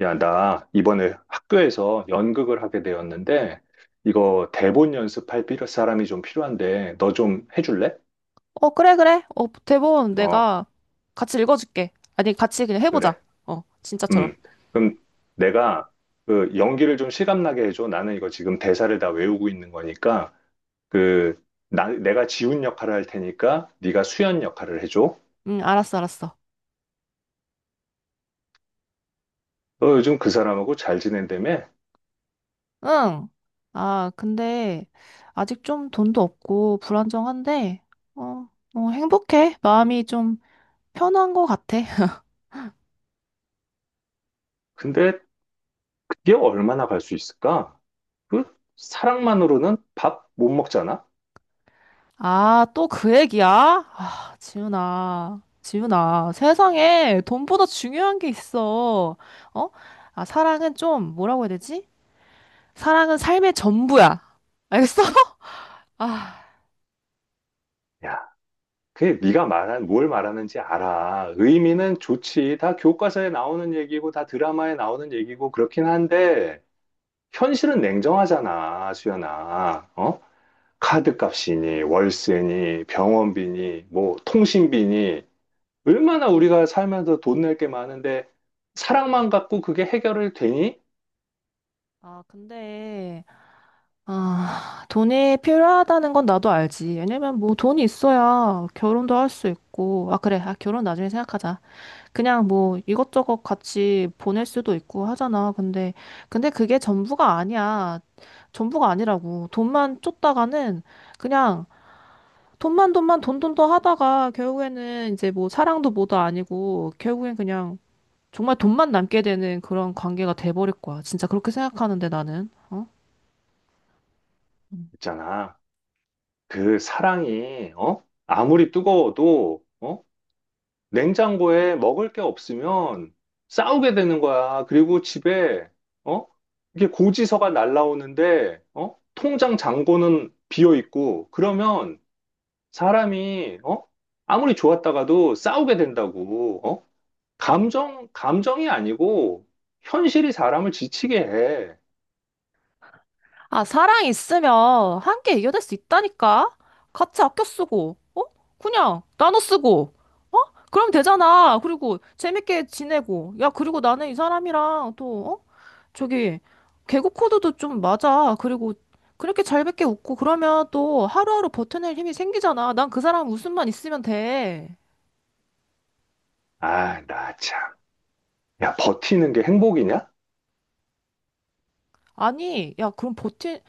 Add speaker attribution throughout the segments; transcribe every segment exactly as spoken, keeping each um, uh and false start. Speaker 1: 야, 나 이번에 학교에서 연극을 하게 되었는데, 이거 대본 연습할 필요, 사람이 좀 필요한데, 너 좀 해줄래?
Speaker 2: 어, 그래, 그래. 어, 대본
Speaker 1: 어,
Speaker 2: 내가 같이 읽어줄게. 아니, 같이 그냥 해보자.
Speaker 1: 그래.
Speaker 2: 어, 진짜처럼.
Speaker 1: 음. 그럼 내가 그 연기를 좀 실감나게 해줘. 나는 이거 지금 대사를 다 외우고 있는 거니까, 그, 나, 내가 지훈 역할을 할 테니까, 네가 수연 역할을 해줘.
Speaker 2: 응, 알았어, 알았어.
Speaker 1: 너 요즘 그 사람하고 잘 지낸다며?
Speaker 2: 응. 아, 근데 아직 좀 돈도 없고 불안정한데, 어, 어, 행복해. 마음이 좀 편한 것 같아.
Speaker 1: 근데 그게 얼마나 갈 수 있을까? 그 사랑만으로는 밥 못 먹잖아?
Speaker 2: 아, 또 그 얘기야? 아, 지훈아. 지훈아, 세상에 돈보다 중요한 게 있어. 어? 아, 사랑은 좀, 뭐라고 해야 되지? 사랑은 삶의 전부야. 알겠어? 아.
Speaker 1: 그게 네가 말한 뭘 말하는지 알아. 의미는 좋지. 다 교과서에 나오는 얘기고 다 드라마에 나오는 얘기고 그렇긴 한데 현실은 냉정하잖아, 수연아. 어? 카드값이니 월세니 병원비니 뭐 통신비니 얼마나 우리가 살면서 돈 낼게 많은데 사랑만 갖고 그게 해결을 되니?
Speaker 2: 아, 근데, 아, 돈이 필요하다는 건 나도 알지. 왜냐면 뭐 돈이 있어야 결혼도 할 수 있고. 아, 그래. 아, 결혼 나중에 생각하자. 그냥 뭐 이것저것 같이 보낼 수도 있고 하잖아. 근데, 근데 그게 전부가 아니야. 전부가 아니라고. 돈만 쫓다가는 그냥 돈만 돈만 돈돈도 하다가 결국에는 이제 뭐 사랑도 뭐도 아니고 결국엔 그냥 정말 돈만 남게 되는 그런 관계가 돼버릴 거야. 진짜 그렇게 생각하는데 나는. 어?
Speaker 1: 있잖아. 그 사랑이 어? 아무리 뜨거워도 어? 냉장고에 먹을 게 없으면 싸우게 되는 거야. 그리고 집에, 어? 이게 고지서가 날라오는데, 어? 통장 잔고는 비어 있고, 그러면 사람이, 어? 아무리 좋았다가도 싸우게 된다고, 어? 감정, 감정이 아니고, 현실이 사람을 지치게 해.
Speaker 2: 아, 사랑 있으면 함께 이겨낼 수 있다니까? 같이 아껴 쓰고, 어? 그냥 나눠 쓰고, 어? 그럼 되잖아. 그리고 재밌게 지내고. 야, 그리고 나는 이 사람이랑 또, 어? 저기, 개그 코드도 좀 맞아. 그리고 그렇게 잘밖에 웃고 그러면 또 하루하루 버텨낼 힘이 생기잖아. 난 그 사람 웃음만 있으면 돼.
Speaker 1: 아, 나 참. 야, 버티는 게 행복이냐?
Speaker 2: 아니, 야, 그럼 버티,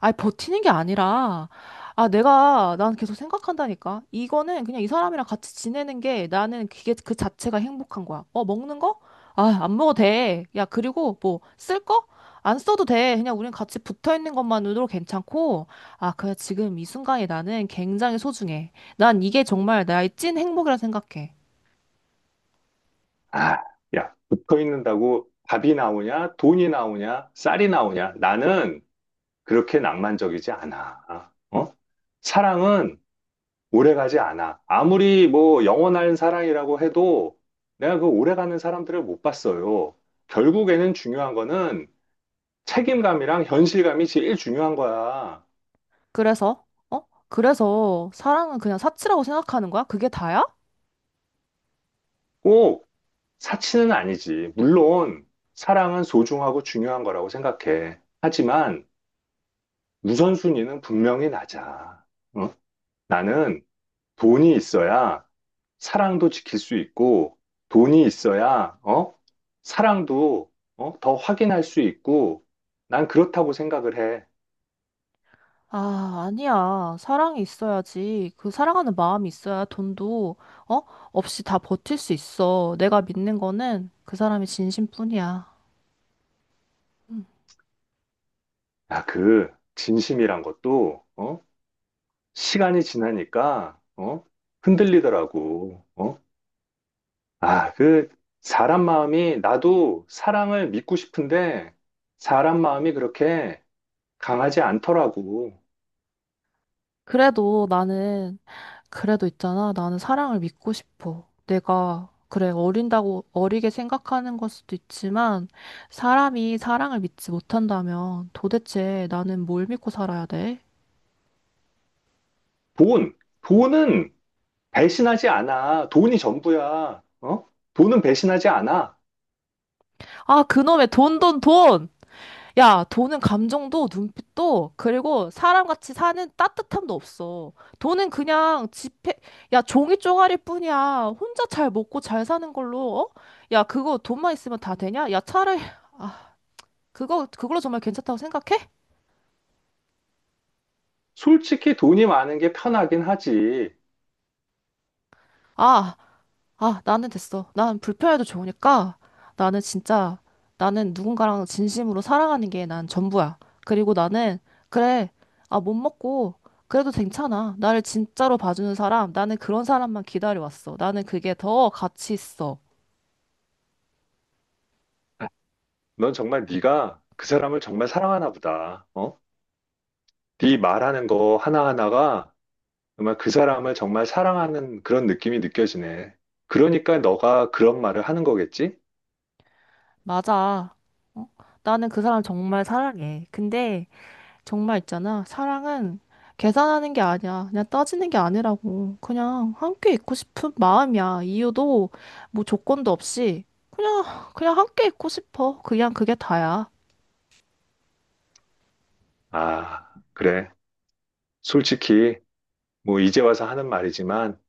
Speaker 2: 아니, 버티는 게 아니라, 아, 내가, 난 계속 생각한다니까. 이거는 그냥 이 사람이랑 같이 지내는 게 나는 그게 그 자체가 행복한 거야. 어, 먹는 거? 아, 안 먹어도 돼. 야, 그리고 뭐, 쓸 거? 안 써도 돼. 그냥 우린 같이 붙어 있는 것만으로 괜찮고, 아, 그냥 지금 이 순간이 나는 굉장히 소중해. 난 이게 정말 나의 찐 행복이라 생각해.
Speaker 1: 아, 야, 붙어 있는다고 밥이 나오냐? 돈이 나오냐? 쌀이 나오냐? 나는 그렇게 낭만적이지 않아. 어? 사랑은 오래가지 않아. 아무리 뭐 영원한 사랑이라고 해도 내가 그 오래가는 사람들을 못 봤어요. 결국에는 중요한 거는 책임감이랑 현실감이 제일 중요한 거야.
Speaker 2: 그래서, 어? 그래서 사랑은 그냥 사치라고 생각하는 거야? 그게 다야?
Speaker 1: 꼭 사치는 아니지. 물론 사랑은 소중하고 중요한 거라고 생각해. 하지만 우선순위는 분명히 낮아. 어? 나는 돈이 있어야 사랑도 지킬 수 있고 돈이 있어야 어? 사랑도 어? 더 확인할 수 있고 난 그렇다고 생각을 해.
Speaker 2: 아, 아니야. 사랑이 있어야지. 그 사랑하는 마음이 있어야 돈도, 어? 없이 다 버틸 수 있어. 내가 믿는 거는 그 사람이 진심뿐이야.
Speaker 1: 야, 그 진심이란 것도 어? 시간이 지나니까 어? 흔들리더라고. 어? 아, 그 사람 마음이 나도 사랑을 믿고 싶은데 사람 마음이 그렇게 강하지 않더라고.
Speaker 2: 그래도 나는, 그래도 있잖아. 나는 사랑을 믿고 싶어. 내가, 그래, 어린다고 어리게 생각하는 걸 수도 있지만, 사람이 사랑을 믿지 못한다면 도대체 나는 뭘 믿고 살아야 돼?
Speaker 1: 돈, 돈은 배신하지 않아. 돈이 전부야. 어? 돈은 배신하지 않아.
Speaker 2: 아, 그놈의 돈, 돈, 돈! 야, 돈은 감정도 눈빛도 그리고 사람같이 사는 따뜻함도 없어. 돈은 그냥 지폐, 야, 종이 쪼가리 뿐이야. 혼자 잘 먹고 잘 사는 걸로, 어? 야, 그거 돈만 있으면 다 되냐? 야, 차라리, 아, 그거, 그걸로 정말 괜찮다고 생각해?
Speaker 1: 솔직히 돈이 많은 게 편하긴 하지.
Speaker 2: 아, 아, 나는 됐어. 난 불편해도 좋으니까 나는 진짜 나는 누군가랑 진심으로 사랑하는 게 난 전부야. 그리고 나는 그래. 아, 못 먹고 그래도 괜찮아. 나를 진짜로 봐주는 사람, 나는 그런 사람만 기다려왔어. 나는 그게 더 가치 있어.
Speaker 1: 넌 정말 네가 그 사람을 정말 사랑하나 보다. 어? 네 말하는 거 하나하나가 정말 그 사람을 정말 사랑하는 그런 느낌이 느껴지네. 그러니까 너가 그런 말을 하는 거겠지?
Speaker 2: 맞아. 어? 나는 그 사람 정말 사랑해. 근데 정말 있잖아. 사랑은 계산하는 게 아니야. 그냥 따지는 게 아니라고. 그냥 함께 있고 싶은 마음이야. 이유도 뭐 조건도 없이 그냥 그냥 함께 있고 싶어. 그냥 그게 다야.
Speaker 1: 아, 그래. 솔직히 뭐 이제 와서 하는 말이지만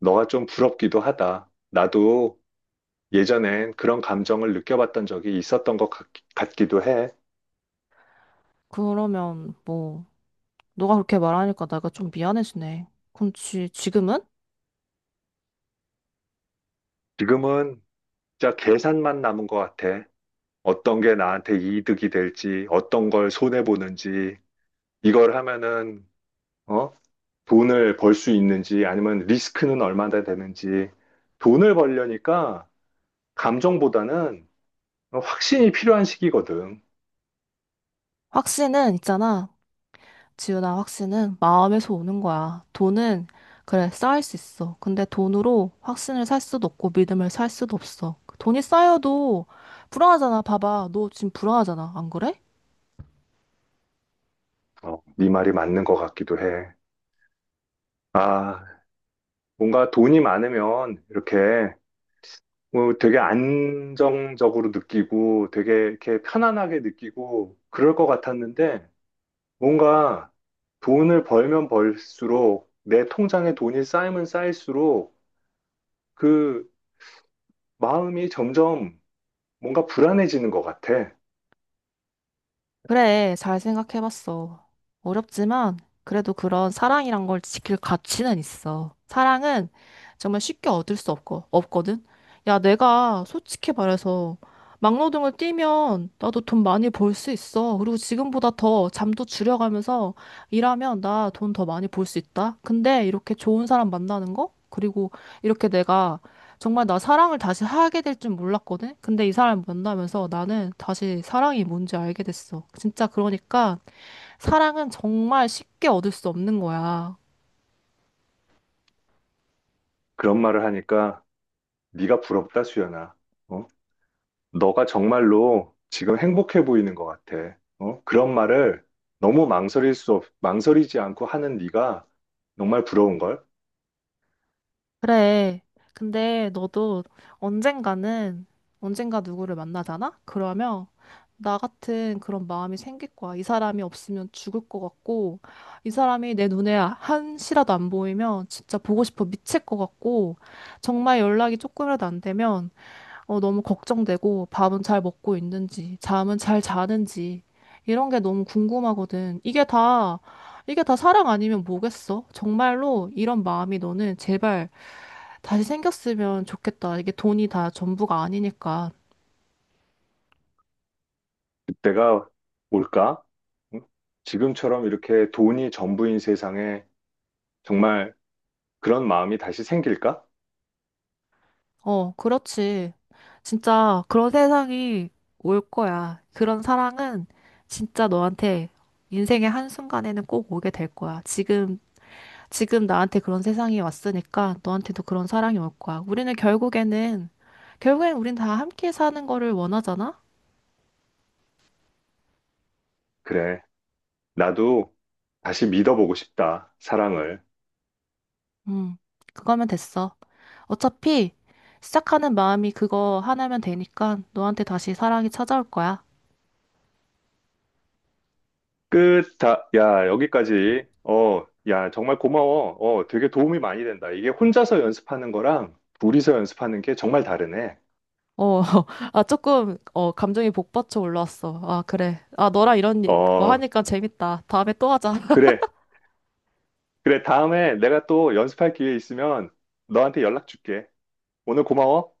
Speaker 1: 너가 좀 부럽기도 하다. 나도 예전엔 그런 감정을 느껴봤던 적이 있었던 것 같, 기도 해.
Speaker 2: 그러면 뭐 너가 그렇게 말하니까 내가 좀 미안해지네. 그럼 지, 지금은?
Speaker 1: 지금은 진짜 계산만 남은 것 같아. 어떤 게 나한테 이득이 될지, 어떤 걸 손해보는지, 이걸 하면은, 어? 돈을 벌 수 있는지, 아니면 리스크는 얼마나 되는지, 돈을 벌려니까 감정보다는 확신이 필요한 시기거든.
Speaker 2: 확신은 있잖아. 지훈아, 확신은 마음에서 오는 거야. 돈은, 그래, 쌓일 수 있어. 근데 돈으로 확신을 살 수도 없고 믿음을 살 수도 없어. 돈이 쌓여도 불안하잖아. 봐봐. 너 지금 불안하잖아. 안 그래?
Speaker 1: 어, 네 말이 맞는 것 같기도 해. 아, 뭔가 돈이 많으면 이렇게 뭐 되게 안정적으로 느끼고 되게 이렇게 편안하게 느끼고 그럴 것 같았는데, 뭔가 돈을 벌면 벌수록 내 통장에 돈이 쌓이면 쌓일수록 그 마음이 점점 뭔가 불안해지는 것 같아.
Speaker 2: 그래, 잘 생각해봤어. 어렵지만, 그래도 그런 사랑이란 걸 지킬 가치는 있어. 사랑은 정말 쉽게 얻을 수 없고, 없거든? 야, 내가 솔직히 말해서, 막노동을 뛰면 나도 돈 많이 벌 수 있어. 그리고 지금보다 더 잠도 줄여가면서 일하면 나 돈 더 많이 벌 수 있다. 근데 이렇게 좋은 사람 만나는 거? 그리고 이렇게 내가 정말 나 사랑을 다시 하게 될 줄 몰랐거든? 근데 이 사람 만나면서 나는 다시 사랑이 뭔지 알게 됐어. 진짜 그러니까 사랑은 정말 쉽게 얻을 수 없는 거야.
Speaker 1: 그런 말을 하니까 네가 부럽다, 수연아. 어? 너가 정말로 지금 행복해 보이는 것 같아. 어? 그런 말을 너무 망설일 수 없, 망설이지 않고 하는 네가 정말 부러운걸?
Speaker 2: 그래. 근데 너도 언젠가는, 언젠가 누구를 만나잖아? 그러면 나 같은 그런 마음이 생길 거야. 이 사람이 없으면 죽을 것 같고, 이 사람이 내 눈에 한시라도 안 보이면 진짜 보고 싶어 미칠 것 같고, 정말 연락이 조금이라도 안 되면 어, 너무 걱정되고 밥은 잘 먹고 있는지, 잠은 잘 자는지, 이런 게 너무 궁금하거든. 이게 다, 이게 다 사랑 아니면 뭐겠어? 정말로 이런 마음이 너는 제발 다시 생겼으면 좋겠다. 이게 돈이 다 전부가 아니니까.
Speaker 1: 그때가 올까? 응? 지금처럼 이렇게 돈이 전부인 세상에 정말 그런 마음이 다시 생길까?
Speaker 2: 어, 그렇지. 진짜 그런 세상이 올 거야. 그런 사랑은 진짜 너한테 인생의 한순간에는 꼭 오게 될 거야. 지금 지금 나한테 그런 세상이 왔으니까 너한테도 그런 사랑이 올 거야. 우리는 결국에는, 결국엔 우린 다 함께 사는 거를 원하잖아?
Speaker 1: 그래. 나도 다시 믿어보고 싶다. 사랑을.
Speaker 2: 음, 그거면 됐어. 어차피 시작하는 마음이 그거 하나면 되니까 너한테 다시 사랑이 찾아올 거야.
Speaker 1: 끝. 다, 야, 여기까지. 어, 야, 정말 고마워. 어, 되게 도움이 많이 된다. 이게 혼자서 연습하는 거랑 둘이서 연습하는 게 정말 다르네.
Speaker 2: 어, 아, 조금, 어, 감정이 복받쳐 올라왔어. 아, 그래. 아, 너랑 이런 거
Speaker 1: 어,
Speaker 2: 하니까 재밌다. 다음에 또 하자.
Speaker 1: 그래. 그래. 다음에 내가 또 연습할 기회 있으면 너한테 연락 줄게. 오늘 고마워.